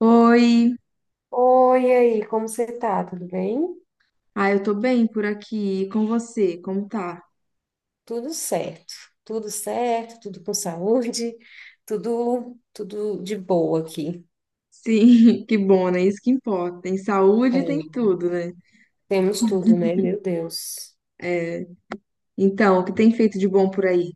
Oi, Oi, e aí, como você tá? Tudo bem? Eu tô bem por aqui. E com você, como tá? Tudo certo, tudo certo, tudo com saúde, tudo de boa aqui. Sim, que bom, né? Isso que importa. Tem saúde, É, tem tudo, né? temos tudo, né? Meu Deus. É. Então, o que tem feito de bom por aí?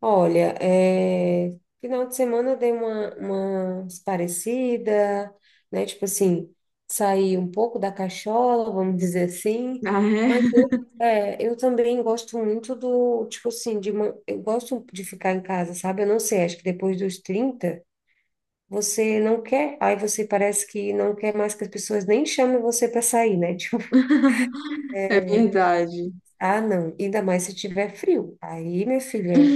Olha, final de semana eu dei uma parecida, né? Tipo assim, saí um pouco da cachola, vamos dizer assim, Ah, é? mas eu também gosto muito do, tipo assim, de, eu gosto de ficar em casa, sabe? Eu não sei, acho que depois dos 30. Você não quer, aí você parece que não quer mais que as pessoas nem chamem você para sair, né? Tipo, É verdade. ah, não, ainda mais se tiver frio. Aí, minha filha,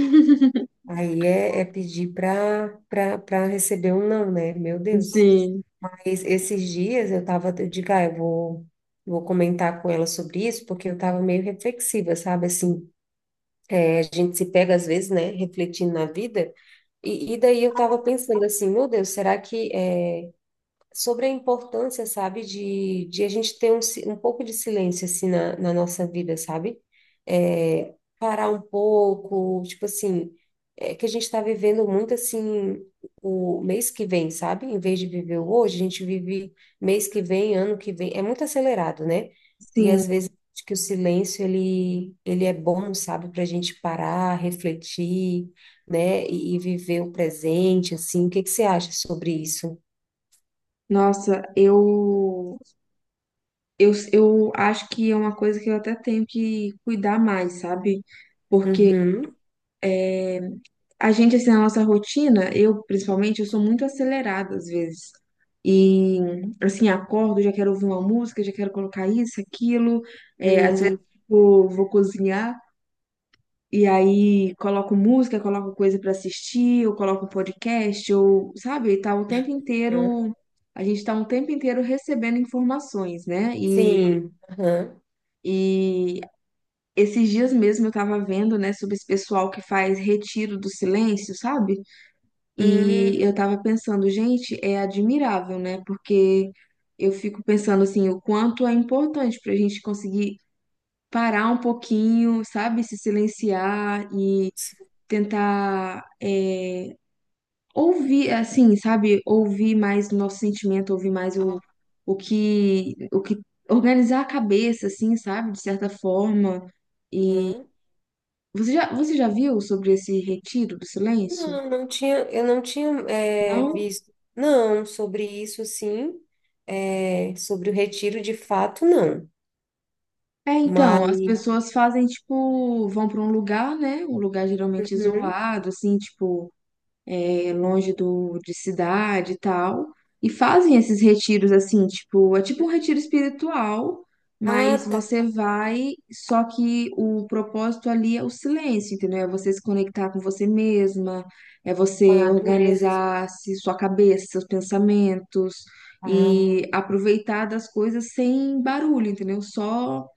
aí é pedir para receber um não, né? Meu Deus. Sim, Aí, esses dias eu tava, eu digo, ah, eu vou comentar com ela sobre isso, porque eu tava meio reflexiva, sabe? Assim, a gente se pega às vezes, né, refletindo na vida. E daí eu tava pensando assim, meu Deus, será que é sobre a importância, sabe, de a gente ter um pouco de silêncio, assim, na nossa vida, sabe? É, parar um pouco, tipo assim, é que a gente está vivendo muito, assim, o mês que vem, sabe? Em vez de viver o hoje, a gente vive mês que vem, ano que vem, é muito acelerado, né? E sim. às vezes acho que o silêncio, ele é bom, sabe, para a gente parar, refletir, né, e viver o presente, assim, o que que você acha sobre isso? Nossa, eu acho que é uma coisa que eu até tenho que cuidar mais, sabe? Porque Uhum. a gente, assim, na nossa rotina, eu principalmente, eu sou muito acelerada às vezes. E, assim, acordo, já quero ouvir uma música, já quero colocar isso, aquilo. É, às vezes, Uhum. tipo, vou cozinhar e aí coloco música, coloco coisa pra assistir, ou coloco um podcast, ou, sabe, tá o tempo inteiro. A gente tá um tempo inteiro recebendo informações, né? Sim. Aham. E esses dias mesmo eu tava vendo, né, sobre esse pessoal que faz retiro do silêncio, sabe? E Hum, eu tava pensando, gente, é admirável, né? Porque eu fico pensando assim, o quanto é importante pra gente conseguir parar um pouquinho, sabe? Se silenciar e sim. tentar ouvir, assim, sabe? Ouvir mais o nosso sentimento, ouvir mais o que organizar a cabeça, assim, sabe? De certa forma. E Aham. Você já viu sobre esse retiro do silêncio? Não, não tinha, eu não tinha Não? visto, não, sobre isso, sim, sobre o retiro de fato, não, É, mas, então, as pessoas fazem, tipo, vão para um lugar, né? Um lugar geralmente uhum. isolado, assim, tipo, é, longe do, de cidade e tal. E fazem esses retiros, assim, tipo, é tipo um retiro espiritual, Ah, mas tá, você vai, só que o propósito ali é o silêncio, entendeu? É você se conectar com você mesma, é você madureza, organizar se- sua cabeça, seus pensamentos, ah, e aproveitar das coisas sem barulho, entendeu? Só.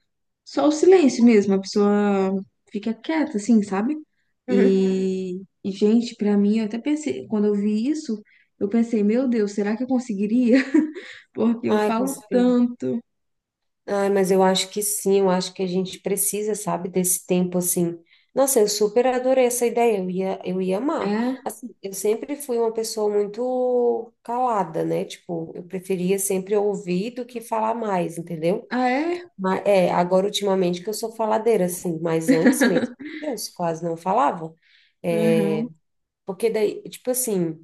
Só o silêncio mesmo, a pessoa fica quieta, assim, sabe? uhum. E, e gente, pra mim, eu até pensei, quando eu vi isso, eu pensei, meu Deus, será que eu conseguiria? Porque eu Ai, falo tanto. ai mas eu acho que sim, eu acho que a gente precisa, sabe, desse tempo assim. Nossa, eu super adorei essa ideia, eu ia amar. É? Assim, eu sempre fui uma pessoa muito calada, né? Tipo, eu preferia sempre ouvir do que falar mais, entendeu? Ah, é? Mas, agora ultimamente que eu sou faladeira, assim, mas antes mesmo, meu Deus, quase não falava. É, Aham. porque daí, tipo assim.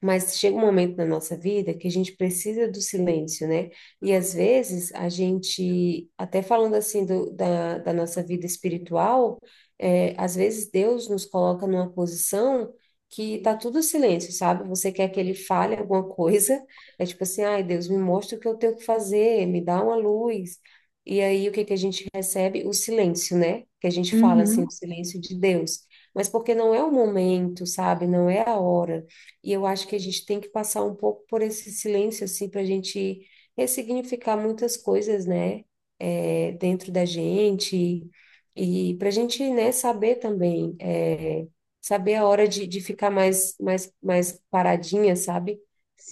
Mas chega um momento na nossa vida que a gente precisa do silêncio, né? E às vezes a gente, até falando assim da nossa vida espiritual, às vezes Deus nos coloca numa posição que tá tudo silêncio, sabe? Você quer que ele fale alguma coisa, é tipo assim, ai, Deus, me mostra o que eu tenho que fazer, me dá uma luz. E aí o que que a gente recebe? O silêncio, né? Que a gente fala assim, Uhum. o silêncio de Deus. Mas porque não é o momento, sabe? Não é a hora. E eu acho que a gente tem que passar um pouco por esse silêncio, assim, para a gente ressignificar muitas coisas, né, dentro da gente, e para a gente, né, saber também, saber a hora de ficar mais, mais, mais paradinha, sabe?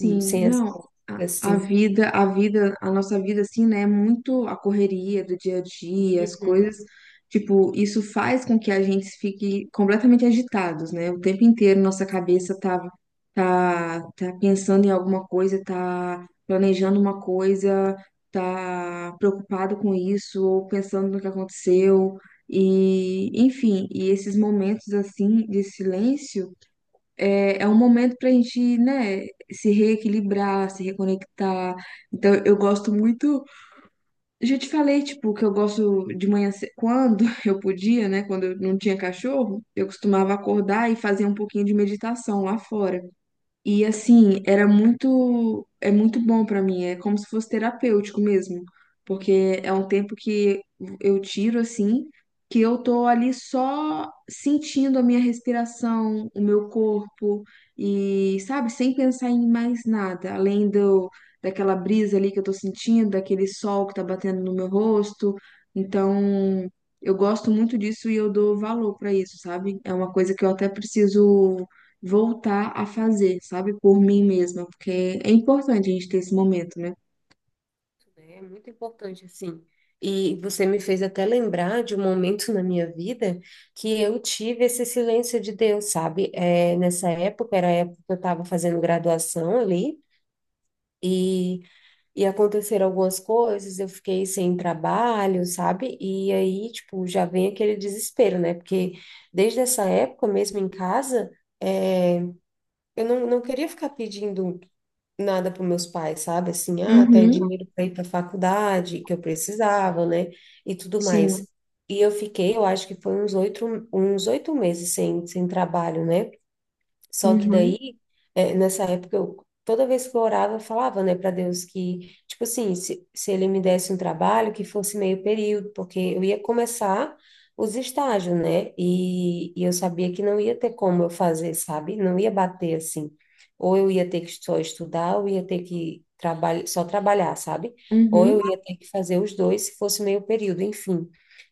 Sem essa, não, a, a assim. vida, a vida, a nossa vida, assim, né, é muito a correria do dia a dia, as Uhum. coisas, tipo, isso faz com que a gente fique completamente agitados, né, o tempo inteiro nossa cabeça tá, tá pensando em alguma coisa, tá planejando uma coisa, tá preocupado com isso, ou pensando no que aconteceu, e, enfim, e esses momentos, assim, de silêncio, é um momento pra gente, né, se reequilibrar, se reconectar. Então, eu gosto muito. Eu já te falei, tipo, que eu gosto de manhã, ce- quando eu podia, né, quando eu não tinha cachorro, eu costumava acordar e fazer um pouquinho de meditação lá fora. E assim, era muito, é muito bom pra mim, é como se fosse terapêutico mesmo, porque é um tempo que eu tiro assim, que eu tô ali só sentindo a minha respiração, o meu corpo e, sabe, sem pensar em mais nada, além do daquela brisa ali que eu tô sentindo, daquele sol que tá batendo no meu rosto. Então, eu gosto muito disso e eu dou valor pra isso, sabe? É uma coisa que eu até preciso voltar a fazer, sabe? Por mim mesma, porque é importante a gente ter esse momento, né? É muito importante, assim. E você me fez até lembrar de um momento na minha vida que eu tive esse silêncio de Deus, sabe? É, nessa época, era a época que eu estava fazendo graduação ali, e, e aconteceram algumas coisas, eu fiquei sem trabalho, sabe? E aí, tipo, já vem aquele desespero, né? Porque desde essa época, mesmo em casa, é, eu não queria ficar pedindo nada para meus pais, sabe? Assim, ah, até Uhum, dinheiro para ir para faculdade, que eu precisava, né? E tudo mais. sim. E eu fiquei, eu acho que foi uns oito meses sem trabalho, né? Só que Uhum, daí, nessa época, eu, toda vez que eu orava, eu falava, né, para Deus que, tipo assim, se ele me desse um trabalho, que fosse meio período, porque eu ia começar os estágios, né, e eu sabia que não ia ter como eu fazer, sabe? Não ia bater assim. Ou eu ia ter que só estudar, ou ia ter que trabalhar, só trabalhar, sabe? Ou uhum, eu ia ter que fazer os dois, se fosse meio período, enfim.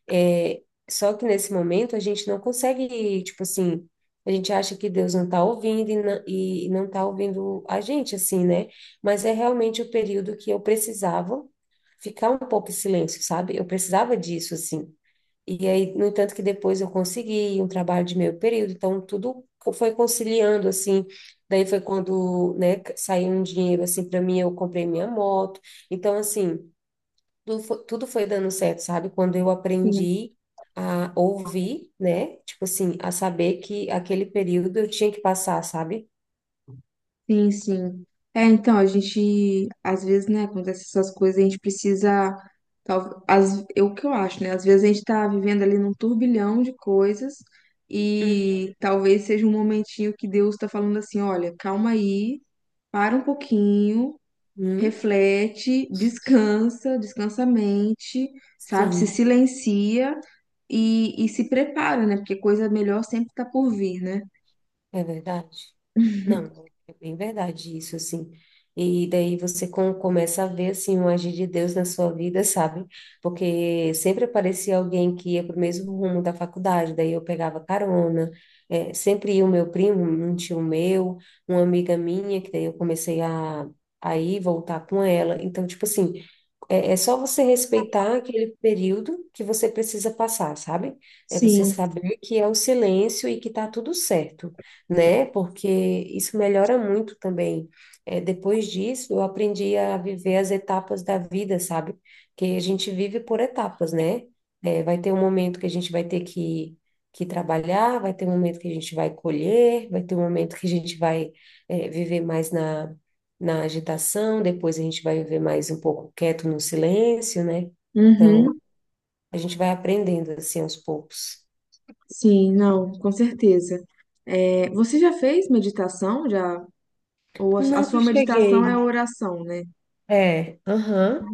É só que nesse momento a gente não consegue, tipo assim a gente acha que Deus não está ouvindo e não está ouvindo a gente, assim, né? Mas é realmente o período que eu precisava ficar um pouco em silêncio, sabe? Eu precisava disso, assim. E aí, no entanto, que depois eu consegui um trabalho de meio período, então tudo foi conciliando, assim. Daí foi quando, né, saiu um dinheiro, assim, para mim, eu comprei minha moto. Então, assim tudo foi dando certo, sabe? Quando eu sim, aprendi a ouvir, né? Tipo assim, a saber que aquele período eu tinha que passar, sabe? sim, sim. É, então, a gente, às vezes, né, acontece essas coisas, a gente precisa, tal, as, é o que eu acho, né, às vezes a gente tá vivendo ali num turbilhão de coisas e talvez seja um momentinho que Deus tá falando assim, olha, calma aí, para um pouquinho, Uhum, reflete, descansa, descansa a mente, sabe? Se sim, silencia e se prepara, né? Porque coisa melhor sempre tá por vir, né? é verdade. Não, é bem verdade isso, assim. E daí você começa a ver, assim, um agir de Deus na sua vida, sabe? Porque sempre aparecia alguém que ia para o mesmo rumo da faculdade, daí eu pegava carona, sempre ia o meu primo, um tio meu, uma amiga minha, que daí eu comecei a ir, voltar com ela. Então, tipo assim, é só você respeitar aquele período que você precisa passar, sabe? É você Sim, saber que é o silêncio e que tá tudo certo, né? Porque isso melhora muito também. É, depois disso, eu aprendi a viver as etapas da vida, sabe? Que a gente vive por etapas, né? É, vai ter um momento que a gente vai ter que trabalhar, vai ter um momento que a gente vai colher, vai ter um momento que a gente vai, viver mais na agitação, depois a gente vai viver mais um pouco quieto no silêncio, né? Então, uhum, a gente vai aprendendo assim aos poucos. sim, não, com certeza. É, você já fez meditação, já? Ou a Nunca sua meditação é a cheguei. oração, né? É, aham,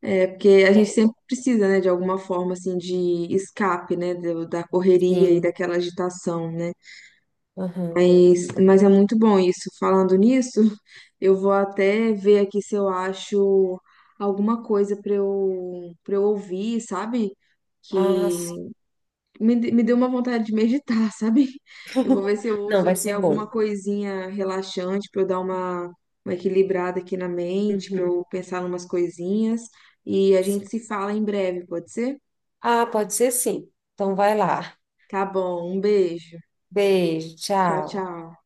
É, porque a gente sempre precisa, né, de alguma forma, assim, de escape, né, do- da correria e sim, daquela agitação, né? aham. Mas é muito bom isso. Falando nisso, eu vou até ver aqui se eu acho alguma coisa para eu ouvir, sabe? Ah, Que me, de- me deu uma vontade de meditar, sabe? Eu vou ver se eu não, ouço vai aqui ser alguma bom. coisinha relaxante para eu dar uma equilibrada aqui na mente, para eu Uhum, pensar em umas coisinhas. E a gente sim. se fala em breve, pode ser? Ah, pode ser sim. Então, vai lá. Tá bom, um beijo. Beijo, Tchau, tchau. tchau.